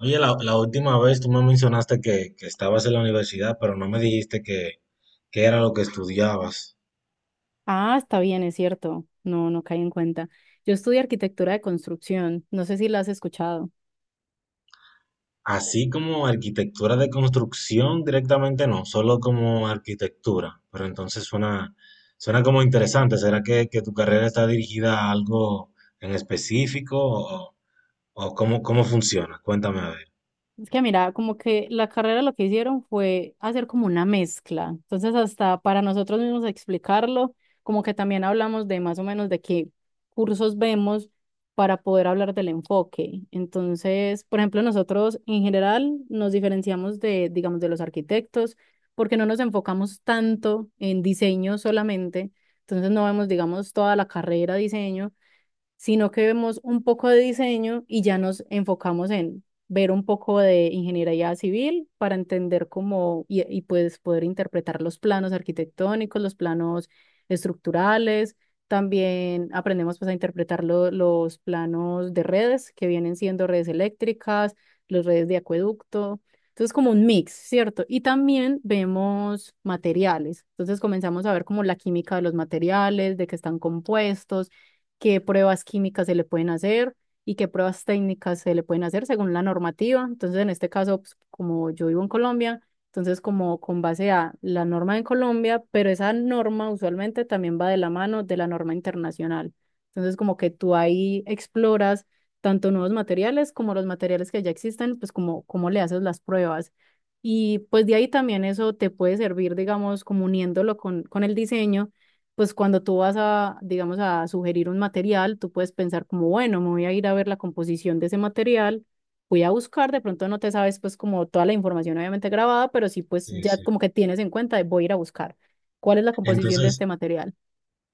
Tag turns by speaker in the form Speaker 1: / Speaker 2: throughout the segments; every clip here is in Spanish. Speaker 1: Oye, la última vez tú me mencionaste que estabas en la universidad, pero no me dijiste que, ¿qué era lo que estudiabas?
Speaker 2: Ah, está bien, es cierto. No caí en cuenta. Yo estudié arquitectura de construcción. No sé si la has escuchado.
Speaker 1: Así como arquitectura de construcción directamente no, solo como arquitectura. Pero entonces suena como interesante. ¿Será que tu carrera está dirigida a algo en específico o cómo, cómo funciona? Cuéntame a ver.
Speaker 2: Es que mira, como que la carrera lo que hicieron fue hacer como una mezcla. Entonces, hasta para nosotros mismos explicarlo, como que también hablamos de más o menos de qué cursos vemos para poder hablar del enfoque. Entonces, por ejemplo, nosotros en general nos diferenciamos de, digamos, de los arquitectos porque no nos enfocamos tanto en diseño solamente. Entonces, no vemos, digamos, toda la carrera diseño sino que vemos un poco de diseño y ya nos enfocamos en ver un poco de ingeniería civil para entender cómo y pues poder interpretar los planos arquitectónicos, los planos estructurales. También aprendemos pues a interpretar los planos de redes que vienen siendo redes eléctricas, las redes de acueducto. Entonces, como un mix, ¿cierto? Y también vemos materiales. Entonces, comenzamos a ver como la química de los materiales, de qué están compuestos, qué pruebas químicas se le pueden hacer y qué pruebas técnicas se le pueden hacer según la normativa. Entonces, en este caso, pues, como yo vivo en Colombia, entonces como con base a la norma en Colombia, pero esa norma usualmente también va de la mano de la norma internacional. Entonces, como que tú ahí exploras tanto nuevos materiales como los materiales que ya existen, pues como cómo le haces las pruebas. Y pues de ahí también eso te puede servir, digamos, como uniéndolo con el diseño pues cuando tú vas a, digamos, a sugerir un material, tú puedes pensar como, bueno, me voy a ir a ver la composición de ese material, voy a buscar, de pronto no te sabes pues como toda la información obviamente grabada, pero sí pues
Speaker 1: Sí,
Speaker 2: ya
Speaker 1: sí.
Speaker 2: como que tienes en cuenta, de, voy a ir a buscar cuál es la composición de
Speaker 1: Entonces,
Speaker 2: este material.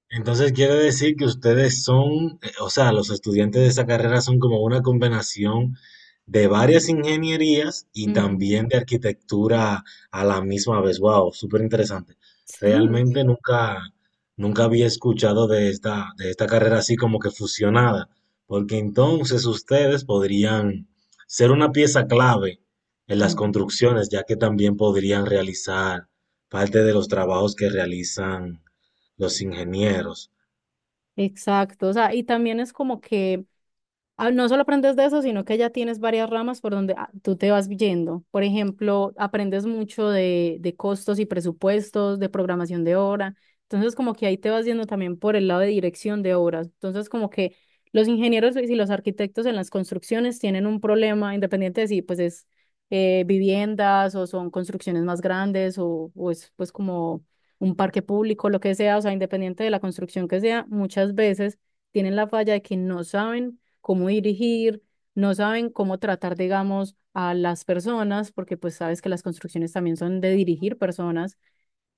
Speaker 1: Entonces quiere decir que ustedes son, o sea, los estudiantes de esa carrera son como una combinación de varias ingenierías y
Speaker 2: Ujú,
Speaker 1: también de arquitectura a la misma vez. Wow, súper interesante.
Speaker 2: sí,
Speaker 1: Realmente nunca, nunca había escuchado de esta carrera así como que fusionada, porque entonces ustedes podrían ser una pieza clave en las
Speaker 2: ujú,
Speaker 1: construcciones, ya que también podrían realizar parte de los trabajos que realizan los ingenieros.
Speaker 2: exacto. O sea, y también es como que no solo aprendes de eso, sino que ya tienes varias ramas por donde tú te vas yendo. Por ejemplo, aprendes mucho de costos y presupuestos, de programación de obra. Entonces, como que ahí te vas yendo también por el lado de dirección de obras. Entonces, como que los ingenieros y los arquitectos en las construcciones tienen un problema, independiente de si pues es viviendas o son construcciones más grandes o es pues como un parque público, lo que sea, o sea, independiente de la construcción que sea, muchas veces tienen la falla de que no saben cómo dirigir, no saben cómo tratar, digamos, a las personas, porque pues sabes que las construcciones también son de dirigir personas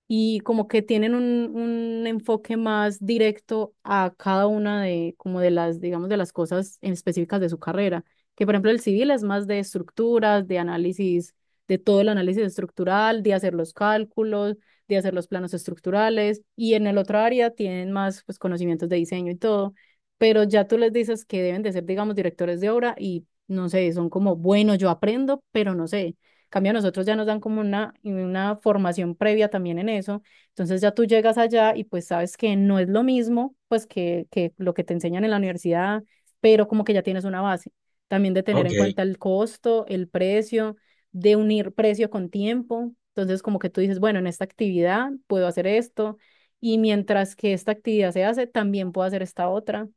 Speaker 2: y como que tienen un enfoque más directo a cada una de, como de las, digamos, de las cosas en específicas de su carrera. Que por ejemplo el civil es más de estructuras, de análisis, de todo el análisis estructural, de hacer los cálculos, de hacer los planos estructurales, y en el otro área tienen más pues conocimientos de diseño y todo, pero ya tú les dices que deben de ser, digamos, directores de obra y no sé, son como, bueno, yo aprendo, pero no sé. En cambio, a nosotros ya nos dan como una formación previa también en eso. Entonces ya tú llegas allá y pues sabes que no es lo mismo pues que lo que te enseñan en la universidad, pero como que ya tienes una base. También de tener
Speaker 1: Ok,
Speaker 2: en cuenta el costo, el precio, de unir precio con tiempo. Entonces como que tú dices, bueno, en esta actividad puedo hacer esto y mientras que esta actividad se hace, también puedo hacer esta otra.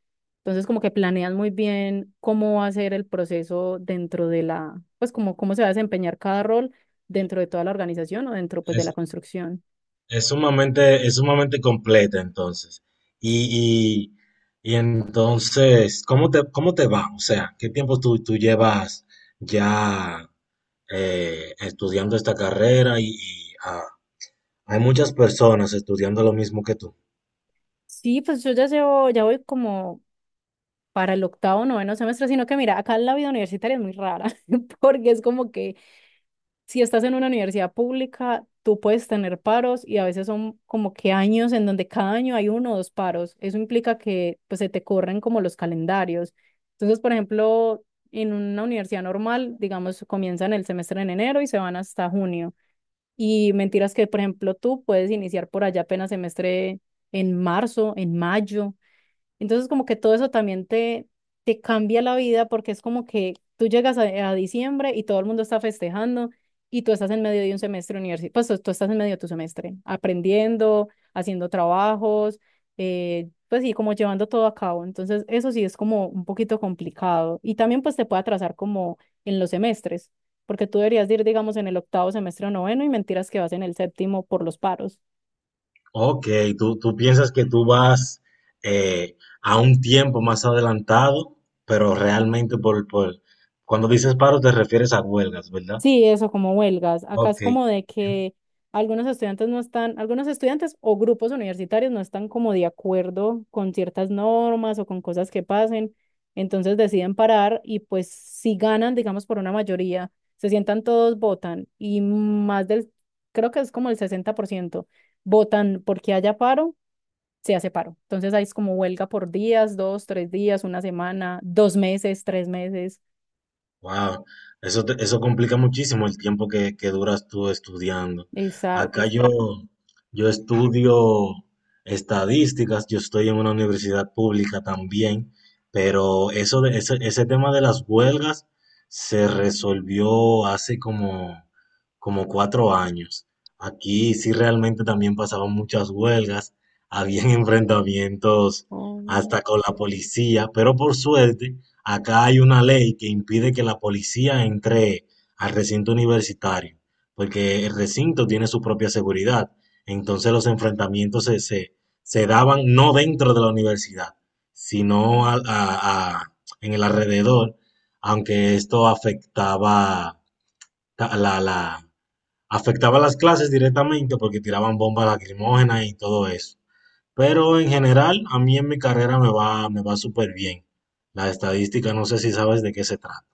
Speaker 2: Entonces, como que planean muy bien cómo va a ser el proceso dentro de la, pues como cómo se va a desempeñar cada rol dentro de toda la organización o dentro pues de
Speaker 1: es,
Speaker 2: la construcción.
Speaker 1: es sumamente, es sumamente completa entonces. Y, y entonces, cómo te va? O sea, ¿qué tiempo tú, tú llevas ya estudiando esta carrera? Y, ah, hay muchas personas estudiando lo mismo que tú.
Speaker 2: Sí, pues yo ya llevo, ya voy como para el octavo, noveno semestre, sino que mira, acá la vida universitaria es muy rara, porque es como que si estás en una universidad pública, tú puedes tener paros y a veces son como que años en donde cada año hay uno o dos paros. Eso implica que pues se te corren como los calendarios. Entonces, por ejemplo, en una universidad normal, digamos, comienzan el semestre en enero y se van hasta junio. Y mentiras que, por ejemplo, tú puedes iniciar por allá apenas semestre en marzo, en mayo. Entonces como que todo eso también te cambia la vida porque es como que tú llegas a diciembre y todo el mundo está festejando y tú estás en medio de un semestre universitario, pues tú estás en medio de tu semestre, aprendiendo, haciendo trabajos, pues sí, como llevando todo a cabo. Entonces eso sí es como un poquito complicado y también pues te puede atrasar como en los semestres, porque tú deberías de ir, digamos, en el octavo semestre o noveno y mentiras que vas en el séptimo por los paros.
Speaker 1: Ok, tú piensas que tú vas a un tiempo más adelantado, pero realmente por, cuando dices paro te refieres a huelgas, ¿verdad?
Speaker 2: Sí, eso, como huelgas. Acá es
Speaker 1: Ok.
Speaker 2: como de que algunos estudiantes no están, algunos estudiantes o grupos universitarios no están como de acuerdo con ciertas normas o con cosas que pasen, entonces deciden parar y pues si ganan, digamos, por una mayoría, se sientan todos, votan y más del, creo que es como el 60% votan porque haya paro, se hace paro. Entonces ahí es como huelga por días, dos, tres días, una semana, dos meses, tres meses.
Speaker 1: Wow, eso, te- eso complica muchísimo el tiempo que duras tú estudiando. Acá
Speaker 2: Exacto.
Speaker 1: yo, yo estudio estadísticas, yo estoy en una universidad pública también, pero eso de, ese tema de las huelgas se resolvió hace como, como cuatro años. Aquí sí realmente también pasaban muchas huelgas, habían enfrentamientos hasta con la policía, pero por suerte acá hay una ley que impide que la policía entre al recinto universitario, porque el recinto tiene su propia seguridad. Entonces los enfrentamientos se daban no dentro de la universidad, sino al- a- en el alrededor, aunque esto afectaba, ta- la- afectaba las clases directamente porque tiraban bombas lacrimógenas y todo eso. Pero en general, a mí en mi carrera me va súper bien. La estadística, no sé si sabes de qué se trata.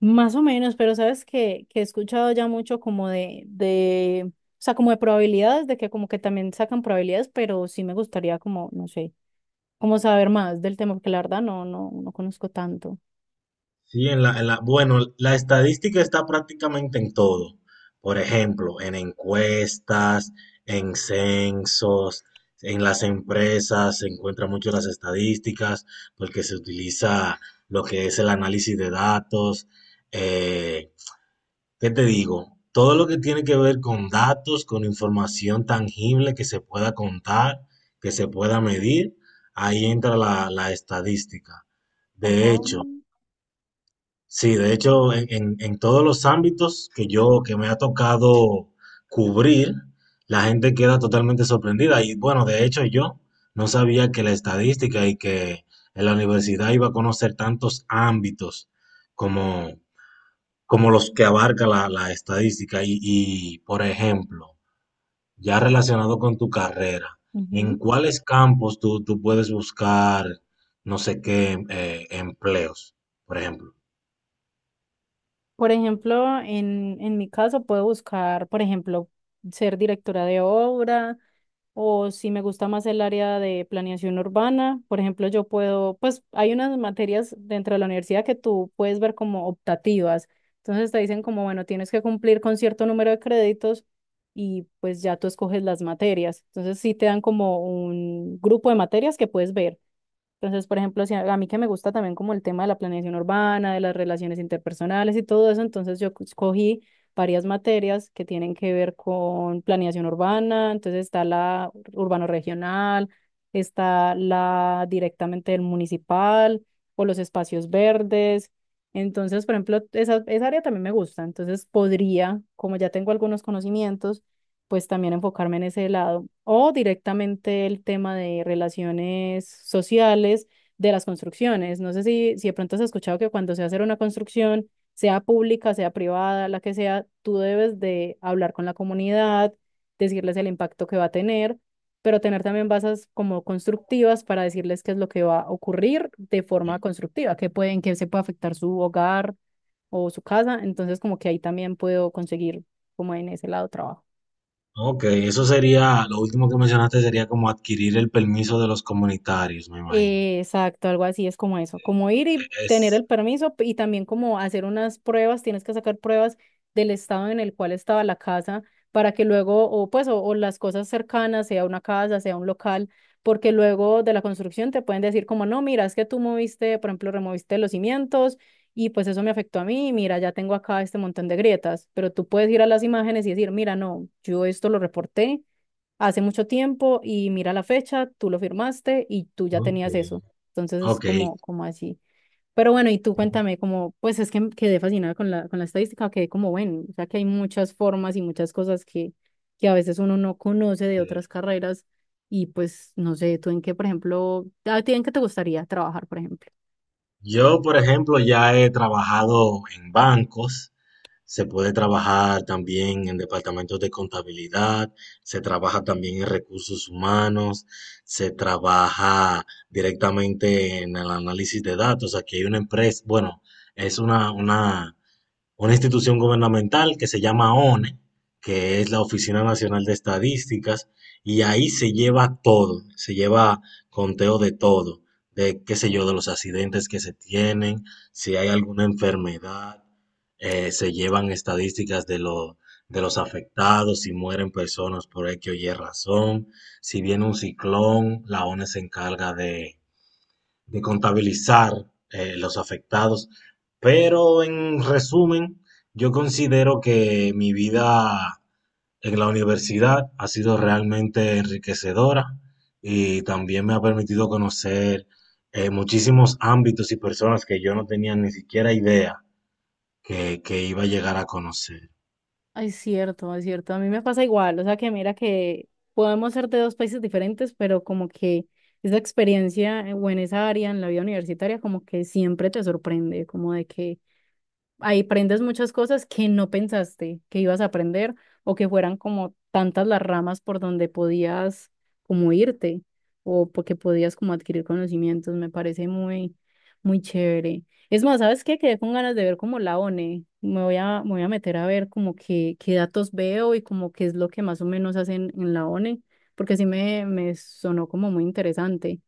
Speaker 2: Más o menos, pero sabes que he escuchado ya mucho como o sea, como de probabilidades, de que como que también sacan probabilidades, pero sí me gustaría como, no sé, como saber más del tema, porque la verdad no conozco tanto.
Speaker 1: Sí, en la- bueno, la estadística está prácticamente en todo. Por ejemplo, en encuestas, en censos, en las empresas se encuentran mucho las estadísticas porque se utiliza lo que es el análisis de datos. eh, ¿Qué te digo? Todo lo que tiene que ver con datos, con información tangible que se pueda contar, que se pueda medir, ahí entra la estadística.
Speaker 2: Ajá.
Speaker 1: De hecho, sí, de hecho, en todos los ámbitos que yo, que me ha tocado cubrir, la gente queda totalmente sorprendida. Y bueno, de hecho, yo no sabía que la estadística y que en la universidad iba a conocer tantos ámbitos como como los que abarca la estadística. Y, por ejemplo, ya relacionado con tu carrera, ¿en
Speaker 2: Ujú.
Speaker 1: cuáles campos tú, tú puedes buscar no sé qué empleos, por ejemplo?
Speaker 2: Por ejemplo, en mi caso puedo buscar, por ejemplo, ser directora de obra o si me gusta más el área de planeación urbana, por ejemplo, yo puedo, pues hay unas materias dentro de la universidad que tú puedes ver como optativas. Entonces te dicen como, bueno, tienes que cumplir con cierto número de créditos y pues ya tú escoges las materias. Entonces sí te dan como un grupo de materias que puedes ver. Entonces, por ejemplo, si a mí que me gusta también como el tema de la planeación urbana, de las relaciones interpersonales y todo eso, entonces yo escogí varias materias que tienen que ver con planeación urbana, entonces está la urbano regional, está la directamente del municipal o los espacios verdes. Entonces, por ejemplo, esa área también me gusta, entonces podría, como ya tengo algunos conocimientos, pues también enfocarme en ese lado o directamente el tema de relaciones sociales de las construcciones. No sé si, si de pronto has escuchado que cuando se hace una construcción, sea pública, sea privada, la que sea, tú debes de hablar con la comunidad, decirles el impacto que va a tener, pero tener también bases como constructivas para decirles qué es lo que va a ocurrir de forma
Speaker 1: Sí.
Speaker 2: constructiva, qué pueden, qué se puede afectar su hogar o su casa. Entonces, como que ahí también puedo conseguir como en ese lado trabajo.
Speaker 1: Ok, eso sería, lo último que mencionaste sería como adquirir el permiso de los comunitarios, me imagino.
Speaker 2: Exacto, algo así es como eso, como ir y tener
Speaker 1: Es,
Speaker 2: el permiso y también como hacer unas pruebas, tienes que sacar pruebas del estado en el cual estaba la casa para que luego, o pues, o las cosas cercanas, sea una casa, sea un local, porque luego de la construcción te pueden decir como, no, mira, es que tú moviste, por ejemplo, removiste los cimientos y pues eso me afectó a mí, mira, ya tengo acá este montón de grietas, pero tú puedes ir a las imágenes y decir, mira, no, yo esto lo reporté hace mucho tiempo y mira la fecha, tú lo firmaste y tú ya
Speaker 1: ok,
Speaker 2: tenías eso. Entonces es
Speaker 1: ok.
Speaker 2: como, como así. Pero bueno, y tú cuéntame, como, pues es que quedé fascinada con la estadística, que como bueno, o sea que hay muchas formas y muchas cosas que a veces uno no conoce de
Speaker 1: Sí.
Speaker 2: otras carreras y pues no sé, tú en qué, por ejemplo, a ti en qué te gustaría trabajar, por ejemplo.
Speaker 1: Yo, por ejemplo, ya he trabajado en bancos. Se puede trabajar también en departamentos de contabilidad, se trabaja también en recursos humanos, se trabaja directamente en el análisis de datos. Aquí hay una empresa, bueno, es una institución gubernamental que se llama ONE, que es la Oficina Nacional de Estadísticas, y ahí se lleva todo, se lleva conteo de todo, de qué sé yo, de los accidentes que se tienen, si hay alguna enfermedad, se llevan estadísticas de lo- de los afectados, si mueren personas por X o Y razón, si viene un ciclón, la ONE se encarga de contabilizar los afectados. Pero en resumen, yo considero que mi vida en la universidad ha sido realmente enriquecedora y también me ha permitido conocer muchísimos ámbitos y personas que yo no tenía ni siquiera idea que iba a llegar a conocer.
Speaker 2: Es cierto, es cierto. A mí me pasa igual. O sea que mira que podemos ser de dos países diferentes, pero como que esa experiencia o en esa área, en la vida universitaria, como que siempre te sorprende, como de que ahí aprendes muchas cosas que no pensaste que ibas a aprender o que fueran como tantas las ramas por donde podías como irte o porque podías como adquirir conocimientos. Me parece muy, muy chévere. Es más, ¿sabes qué? Quedé con ganas de ver como la ONE. Me voy a meter a ver como que, qué datos veo y como qué es lo que más o menos hacen en la ONE, porque sí me sonó como muy interesante.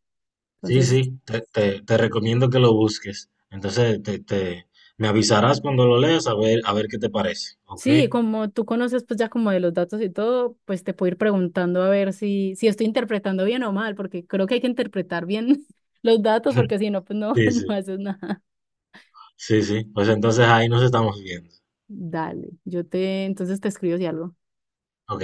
Speaker 1: Sí, sí,
Speaker 2: Entonces,
Speaker 1: te- te recomiendo que lo busques. Entonces, te- me avisarás cuando lo leas a ver qué te parece, ¿ok?
Speaker 2: sí, como tú conoces pues ya como de los datos y todo, pues te puedo ir preguntando a ver si, si estoy interpretando bien o mal, porque creo que hay que interpretar bien los datos, porque si no, pues no,
Speaker 1: Sí,
Speaker 2: no
Speaker 1: sí.
Speaker 2: haces nada.
Speaker 1: Sí, sí. Pues entonces ahí nos estamos viendo.
Speaker 2: Dale, yo te, entonces te escribo si algo.
Speaker 1: Ok.